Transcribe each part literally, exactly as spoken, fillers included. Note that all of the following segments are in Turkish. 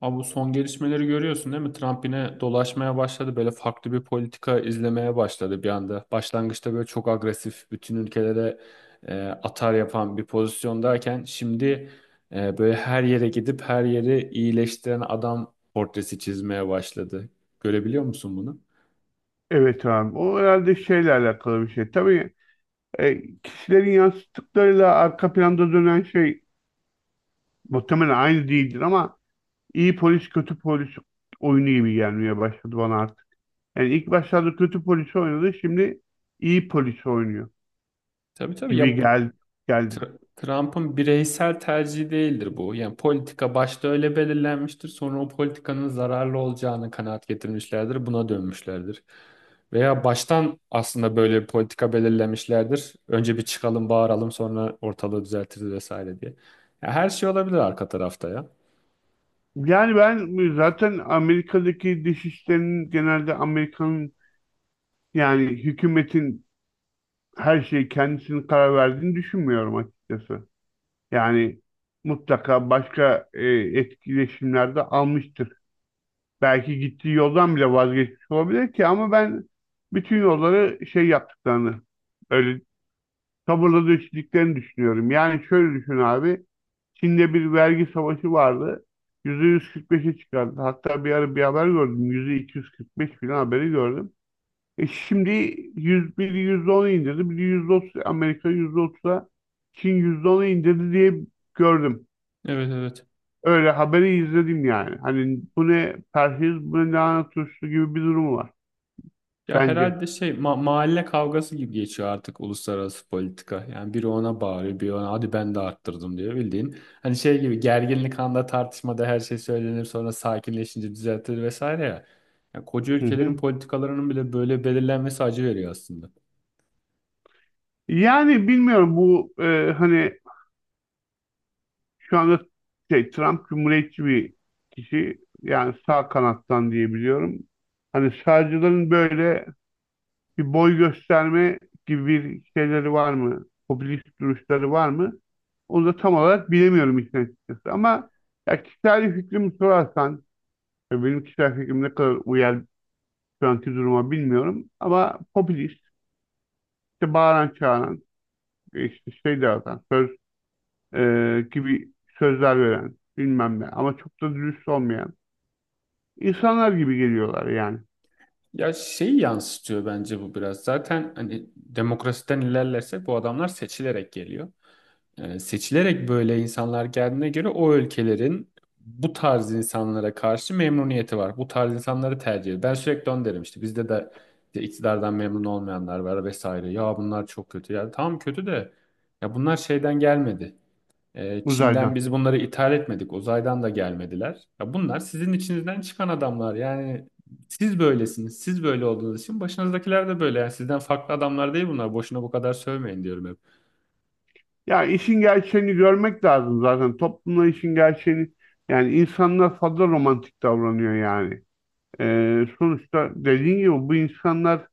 Abi bu son gelişmeleri görüyorsun değil mi? Trump yine dolaşmaya başladı. Böyle farklı bir politika izlemeye başladı bir anda. Başlangıçta böyle çok agresif, bütün ülkelere e, atar yapan bir pozisyondayken şimdi e, böyle her yere gidip her yeri iyileştiren adam portresi çizmeye başladı. Görebiliyor musun bunu? Evet abi. O herhalde şeyle alakalı bir şey. Tabii e, kişilerin yansıttıklarıyla arka planda dönen şey muhtemelen aynı değildir ama iyi polis kötü polis oyunu gibi gelmeye başladı bana artık. Yani ilk başlarda kötü polis oynadı, şimdi iyi polis oynuyor Tabii tabii gibi ya bu geldi. geldi. Tr- Trump'ın bireysel tercihi değildir bu. Yani politika başta öyle belirlenmiştir. Sonra o politikanın zararlı olacağını kanaat getirmişlerdir. Buna dönmüşlerdir. Veya baştan aslında böyle bir politika belirlemişlerdir. Önce bir çıkalım, bağıralım, sonra ortalığı düzeltiriz vesaire diye. Ya her şey olabilir arka tarafta ya. Yani ben zaten Amerika'daki dış işlerinin genelde Amerika'nın yani hükümetin her şeyi kendisinin karar verdiğini düşünmüyorum açıkçası. Yani mutlaka başka e, etkileşimlerde almıştır. Belki gittiği yoldan bile vazgeçmiş olabilir ki ama ben bütün yolları şey yaptıklarını, öyle sabırla döşediklerini düşünüyorum. Yani şöyle düşün abi, Çin'de bir vergi savaşı vardı. yüzde yüz kırk beşe çıkardı. Hatta bir ara bir haber gördüm. yüzde iki yüz kırk beş falan haberi gördüm. E şimdi yüz bir yüzde ona indirdi. Bir yüzde otuz, Amerika yüzde otuza, Çin yüzde ona indirdi diye gördüm. Evet evet. Öyle haberi izledim yani. Hani bu ne perhiz, bu ne lahana turşusu gibi bir durum var Ya bence. herhalde şey ma- mahalle kavgası gibi geçiyor artık uluslararası politika. Yani biri ona bağırıyor, biri ona hadi ben de arttırdım diyor bildiğin. Hani şey gibi gerginlik anda tartışmada her şey söylenir sonra sakinleşince düzeltilir vesaire ya. Yani koca Hı ülkelerin hı. politikalarının bile böyle belirlenmesi acı veriyor aslında. Yani bilmiyorum bu e, hani şu anda şey Trump cumhuriyetçi bir kişi, yani sağ kanattan diye biliyorum. Hani sağcıların böyle bir boy gösterme gibi bir şeyleri var mı? Popülist duruşları var mı? Onu da tam olarak bilemiyorum işin açıkçası. Ama ya kişisel fikrimi sorarsan, ya benim kişisel fikrim ne kadar uyar şu anki duruma bilmiyorum ama popülist, işte bağıran çağıran, işte şey dağıtan, söz e, gibi sözler veren bilmem ne ama çok da dürüst olmayan insanlar gibi geliyorlar yani, Ya şeyi yansıtıyor bence bu biraz. Zaten hani demokrasiden ilerlersek bu adamlar seçilerek geliyor. E, seçilerek böyle insanlar geldiğine göre o ülkelerin bu tarz insanlara karşı memnuniyeti var. Bu tarz insanları tercih ediyor. Ben sürekli onu derim işte bizde de işte iktidardan memnun olmayanlar var vesaire. Ya bunlar çok kötü. Ya tamam kötü de ya bunlar şeyden gelmedi. E, Çin'den uzaydan. biz bunları ithal etmedik. Uzaydan da gelmediler. Ya bunlar sizin içinizden çıkan adamlar. Yani siz böylesiniz. Siz böyle olduğunuz için başınızdakiler de böyle. Yani sizden farklı adamlar değil bunlar. Boşuna bu kadar sövmeyin diyorum hep. Ya işin gerçeğini görmek lazım zaten, toplumda işin gerçeğini, yani insanlar fazla romantik davranıyor yani. E, sonuçta dediğin gibi bu insanlar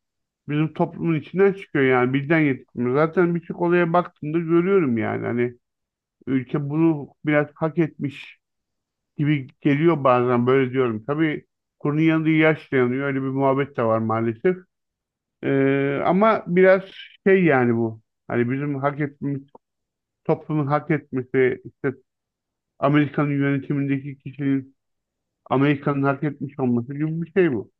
bizim toplumun içinden çıkıyor, yani birden yetişmiyor. Zaten birçok olaya baktığımda görüyorum yani, hani Ülke bunu biraz hak etmiş gibi geliyor bazen, böyle diyorum. Tabii kurunun yanında yaş dayanıyor. Öyle bir muhabbet de var maalesef. Ee, ama biraz şey yani bu. Hani bizim hak etmemiz, toplumun hak etmesi, işte Amerika'nın yönetimindeki kişinin Amerika'nın hak etmiş olması gibi bir şey bu.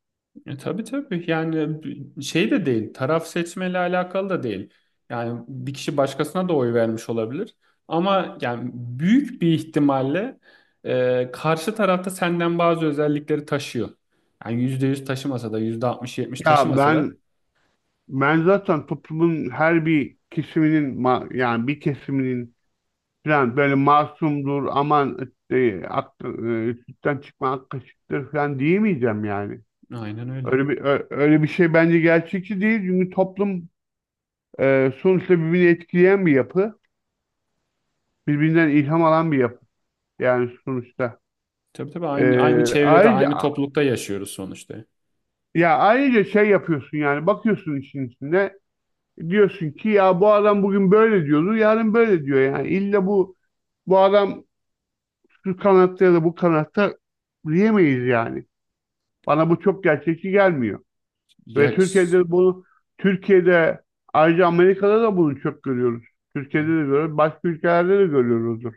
E, tabii tabii yani şey de değil, taraf seçmeyle alakalı da değil. Yani bir kişi başkasına da oy vermiş olabilir. Ama yani büyük bir ihtimalle e, karşı tarafta senden bazı özellikleri taşıyor. Yani yüzde yüz taşımasa da yüzde altmış yetmiş Ya taşımasa da ben ben zaten toplumun her bir kesiminin ma- yani bir kesiminin falan böyle masumdur, aman e, ak- e, sütten çıkma ak kaşıktır falan diyemeyeceğim yani. aynen öyle. Öyle bir ö- öyle bir şey bence gerçekçi değil, çünkü toplum e, sonuçta birbirini etkileyen bir yapı, birbirinden ilham alan bir yapı yani sonuçta. Tabii tabii E, aynı, aynı çevrede aynı Ayrıca, toplulukta yaşıyoruz sonuçta. ya ayrıca şey yapıyorsun yani, bakıyorsun işin içinde, diyorsun ki ya bu adam bugün böyle diyordu yarın böyle diyor, yani illa bu bu adam şu kanatta ya da bu kanatta diyemeyiz yani. Bana bu çok gerçekçi gelmiyor. Ve Ya, Türkiye'de bunu, Türkiye'de, ayrıca Amerika'da da bunu çok görüyoruz. Türkiye'de de görüyoruz. Başka ülkelerde de görüyoruzdur.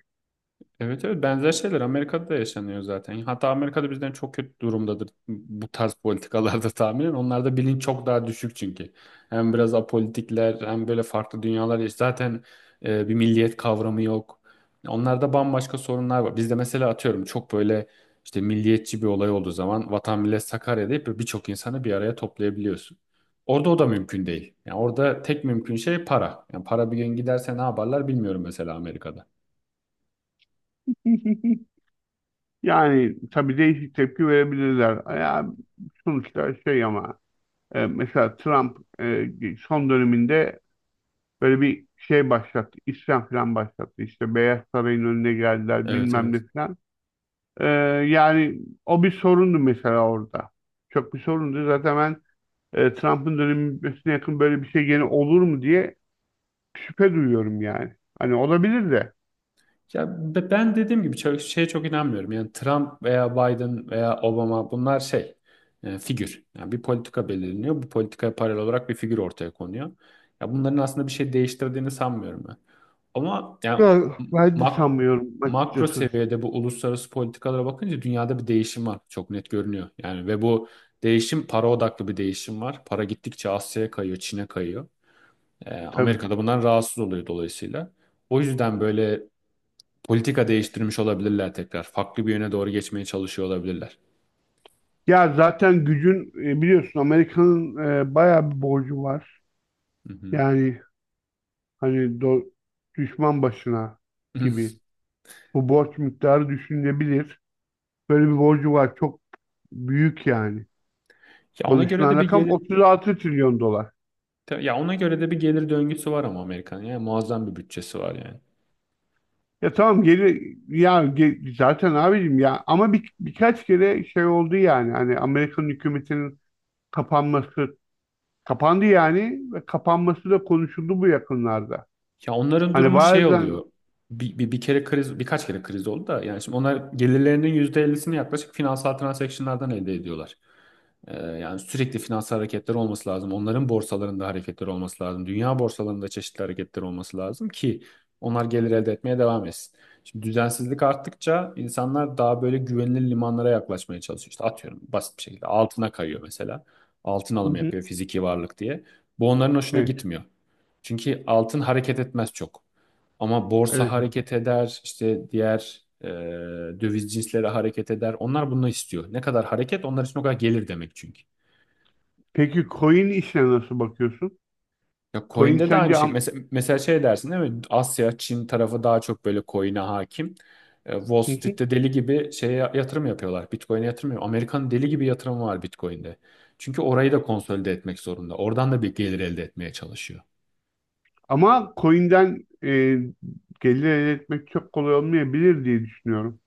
evet evet, benzer şeyler Amerika'da da yaşanıyor zaten. Hatta Amerika'da bizden çok kötü durumdadır bu tarz politikalarda tahminen. Onlarda bilinç çok daha düşük çünkü. Hem biraz apolitikler hem böyle farklı dünyalar yaş- zaten e, bir milliyet kavramı yok. Onlarda bambaşka sorunlar var. Bizde mesela atıyorum çok böyle işte milliyetçi bir olay olduğu zaman Vatan Millet Sakarya deyip birçok insanı bir araya toplayabiliyorsun. Orada o da mümkün değil. Yani orada tek mümkün şey para. Yani para bir gün giderse ne yaparlar bilmiyorum mesela Amerika'da. Yani tabii değişik tepki verebilirler. Ya, sonuçta şey ama e, mesela Trump e, son döneminde böyle bir şey başlattı. İsyan falan başlattı. İşte Beyaz Saray'ın önüne geldiler Evet bilmem ne evet. falan. E, Yani o bir sorundu mesela orada. Çok bir sorundu. Zaten ben e, Trump'ın dönemi bitmesine yakın böyle bir şey gene olur mu diye şüphe duyuyorum yani. Hani olabilir de. Ya be- ben dediğim gibi çok, şeye çok inanmıyorum. Yani Trump veya Biden veya Obama bunlar şey e, figür. Yani bir politika belirleniyor. Bu politikaya paralel olarak bir figür ortaya konuyor. Ya bunların aslında bir şey değiştirdiğini sanmıyorum ben. Ama yani Ya, ben de mak sanmıyorum makro açıkçası, seviyede bu uluslararası politikalara bakınca dünyada bir değişim var. Çok net görünüyor. Yani ve bu değişim para odaklı bir değişim var. Para gittikçe Asya'ya kayıyor, Çin'e kayıyor. E, tabii. Amerika da bundan rahatsız oluyor dolayısıyla. O yüzden böyle politika değiştirmiş olabilirler tekrar. Farklı bir yöne doğru geçmeye çalışıyor olabilirler. Ya zaten gücün e, biliyorsun, Amerika'nın e, bayağı bir borcu var. Hı hı. Yani hani do- düşman başına Hı. gibi. Bu borç miktarı düşünülebilir. Böyle bir borcu var. Çok büyük yani. Ya ona göre Konuşulan de bir rakam gelir otuz altı trilyon dolar. ya ona göre de bir gelir döngüsü var ama Amerika'nın yani muazzam bir bütçesi var yani. Ya tamam geri, ya ge- zaten abicim ya, ama bir, birkaç kere şey oldu yani, hani Amerikan hükümetinin kapanması kapandı yani, ve kapanması da konuşuldu bu yakınlarda. Ya onların Hani durumu şey bazen. oluyor. Bir, bir, bir kere kriz, birkaç kere kriz oldu da yani şimdi onlar gelirlerinin yüzde ellisini yaklaşık finansal transaction'lardan elde ediyorlar. Ee, yani sürekli finansal hareketler olması lazım. Onların borsalarında hareketler olması lazım. Dünya borsalarında çeşitli hareketler olması lazım ki onlar gelir elde etmeye devam etsin. Şimdi düzensizlik arttıkça insanlar daha böyle güvenilir limanlara yaklaşmaya çalışıyor. İşte atıyorum basit bir şekilde altına kayıyor mesela. Altın Hı alımı hı. yapıyor fiziki varlık diye. Bu onların hoşuna Evet, gitmiyor. Çünkü altın hareket etmez çok. Ama borsa evet. hareket eder, işte diğer e, döviz cinsleri hareket eder. Onlar bunu istiyor. Ne kadar hareket onlar için o kadar gelir demek çünkü. Peki coin işine nasıl bakıyorsun? Ya Coin coin'de de sence aynı şey. am- Mesela, mesela şey dersin değil mi? Asya, Çin tarafı daha çok böyle coin'e hakim. E, Wall Hı hı. Street'te deli gibi şeye yatırım yapıyorlar. Bitcoin'e yatırım yapıyor. Amerika'nın deli gibi yatırımı var Bitcoin'de. Çünkü orayı da konsolide etmek zorunda. Oradan da bir gelir elde etmeye çalışıyor. Ama coin'den e, gelir elde etmek çok kolay olmayabilir diye düşünüyorum.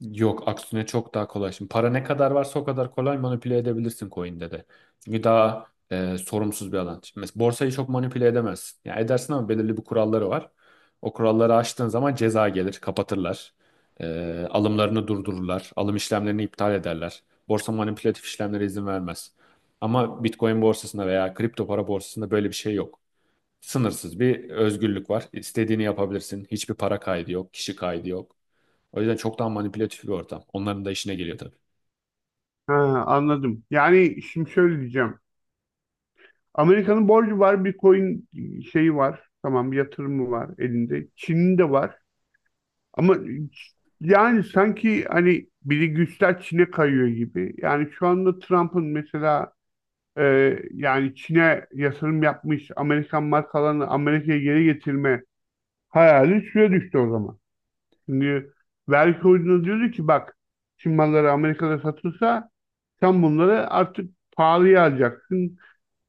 Yok aksine çok daha kolay. Şimdi para ne kadar varsa o kadar kolay manipüle edebilirsin coin'de de. Çünkü daha e, sorumsuz bir alan. Şimdi mesela borsayı çok manipüle edemezsin. Yani edersin ama belirli bir kuralları var. O kuralları aştığın zaman ceza gelir, kapatırlar. E, alımlarını durdururlar. Alım işlemlerini iptal ederler. Borsa manipülatif işlemlere izin vermez. Ama Bitcoin borsasında veya kripto para borsasında böyle bir şey yok. Sınırsız bir özgürlük var. İstediğini yapabilirsin. Hiçbir para kaydı yok, kişi kaydı yok. O yüzden çok daha manipülatif bir ortam. Onların da işine geliyor tabii. Ha, anladım. Yani şimdi şöyle diyeceğim. Amerika'nın borcu var, Bitcoin şeyi var. Tamam, yatırımı var elinde. Çin'in de var. Ama yani sanki hani biri güçler Çin'e kayıyor gibi. Yani şu anda Trump'ın mesela e, yani Çin'e yatırım yapmış Amerikan markalarını Amerika'ya geri getirme hayali suya düştü o zaman. Çünkü vergi koyduğunda diyordu ki, bak, Çin malları Amerika'da satılsa sen bunları artık pahalıya alacaksın.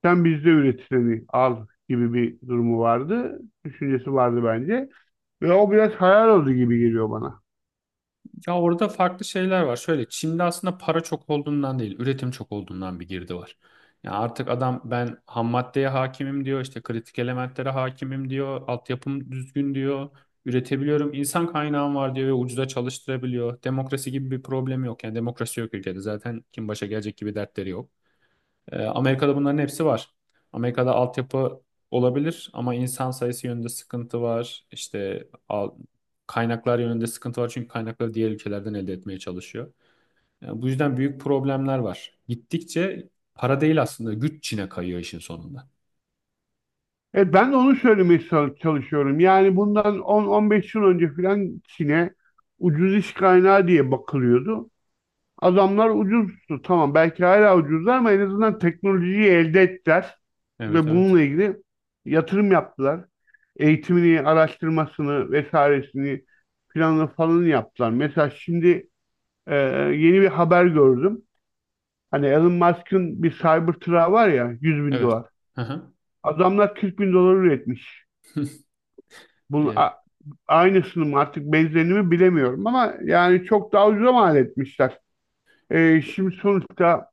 Sen bizde üretileni al gibi bir durumu vardı. Düşüncesi vardı bence. Ve o biraz hayal oldu gibi geliyor bana. Ya orada farklı şeyler var. Şöyle Çin'de aslında para çok olduğundan değil, üretim çok olduğundan bir girdi var. Ya artık adam ben ham maddeye hakimim diyor, işte kritik elementlere hakimim diyor, altyapım düzgün diyor, üretebiliyorum, insan kaynağım var diyor ve ucuza çalıştırabiliyor. Demokrasi gibi bir problem yok. Yani demokrasi yok ülkede. Zaten kim başa gelecek gibi dertleri yok. Ee, Amerika'da bunların hepsi var. Amerika'da altyapı olabilir ama insan sayısı yönünde sıkıntı var. İşte al- kaynaklar yönünde sıkıntı var çünkü kaynakları diğer ülkelerden elde etmeye çalışıyor. Yani bu yüzden büyük problemler var. Gittikçe para değil aslında güç Çin'e kayıyor işin sonunda. Evet, ben de onu söylemeye çalışıyorum. Yani bundan on on beş yıl önce filan Çin'e ucuz iş kaynağı diye bakılıyordu. Adamlar ucuzdu. Tamam, belki hala ucuzlar ama en azından teknolojiyi elde ettiler. Evet Ve evet. bununla ilgili yatırım yaptılar. Eğitimini, araştırmasını, vesairesini, planını falan yaptılar. Mesela şimdi Ee, yeni bir haber gördüm. Hani Elon Musk'ın bir Cybertruck'ı var ya, yüz bin Evet. dolar. Hı hı. Adamlar kırk bin dolar üretmiş. Bunun a- aynısını mı artık benzerini mi bilemiyorum ama yani çok daha ucuza mal etmişler. Ee, şimdi sonuçta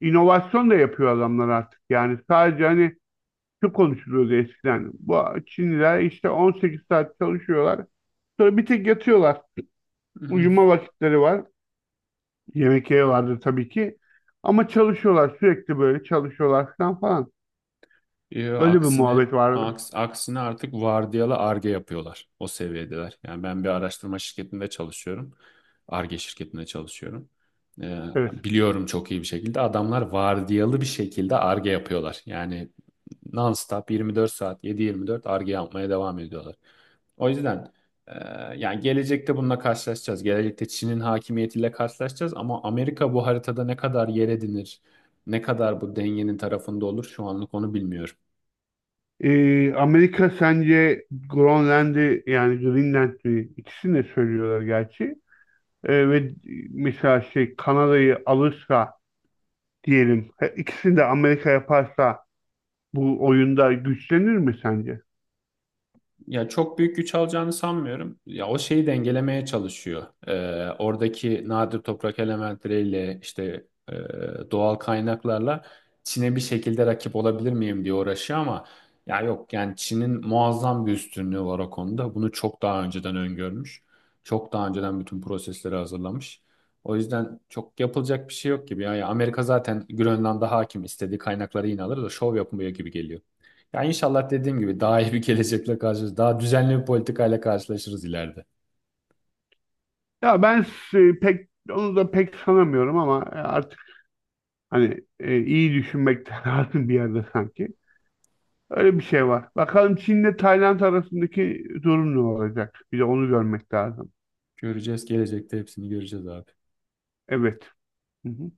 inovasyon da yapıyor adamlar artık. Yani sadece hani şu konuşuluyordu eskiden: bu Çinliler işte on sekiz saat çalışıyorlar. Sonra bir tek yatıyorlar. Evet. Uyuma vakitleri var. Yemek yeri vardı tabii ki. Ama çalışıyorlar, sürekli böyle çalışıyorlar falan falan. Yo, Öyle bir aksine muhabbet vardı. aks, aksine artık vardiyalı arge yapıyorlar. O seviyedeler. Yani ben bir araştırma şirketinde çalışıyorum. Arge şirketinde çalışıyorum. Ee, Evet. Biliyorum, çok iyi bir şekilde adamlar vardiyalı bir şekilde arge yapıyorlar. Yani non-stop yirmi dört saat yedi yirmi dört arge yapmaya devam ediyorlar. O yüzden e, yani gelecekte bununla karşılaşacağız. Gelecekte Çin'in hakimiyetiyle karşılaşacağız ama Amerika bu haritada ne kadar yer edinir, ne kadar bu dengenin tarafında olur şu anlık onu bilmiyorum. Ee, Amerika sence Grönland'i, yani Greenland'i, ikisini de söylüyorlar gerçi. Ee, ve mesela şey, Kanada'yı alırsa diyelim, he- ikisini de Amerika yaparsa bu oyunda güçlenir mi sence? Ya çok büyük güç alacağını sanmıyorum. Ya o şeyi dengelemeye çalışıyor. Ee, oradaki nadir toprak elementleriyle işte e, doğal kaynaklarla Çin'e bir şekilde rakip olabilir miyim diye uğraşıyor ama ya yok yani Çin'in muazzam bir üstünlüğü var o konuda. Bunu çok daha önceden öngörmüş. Çok daha önceden bütün prosesleri hazırlamış. O yüzden çok yapılacak bir şey yok gibi. ya Ya Amerika zaten Grönland'a hakim, istediği kaynakları yine alır da şov yapmıyor gibi geliyor. Yani inşallah dediğim gibi daha iyi bir gelecekle karşılaşırız. Daha düzenli bir politikayla karşılaşırız ileride. Ya ben s- pek onu da pek sanamıyorum ama e, artık hani e, iyi düşünmek lazım bir yerde sanki. Öyle bir şey var. Bakalım Çin'le Tayland arasındaki durum ne olacak? Bir de onu görmek lazım. Göreceğiz, gelecekte hepsini göreceğiz abi. Evet. Hı hı.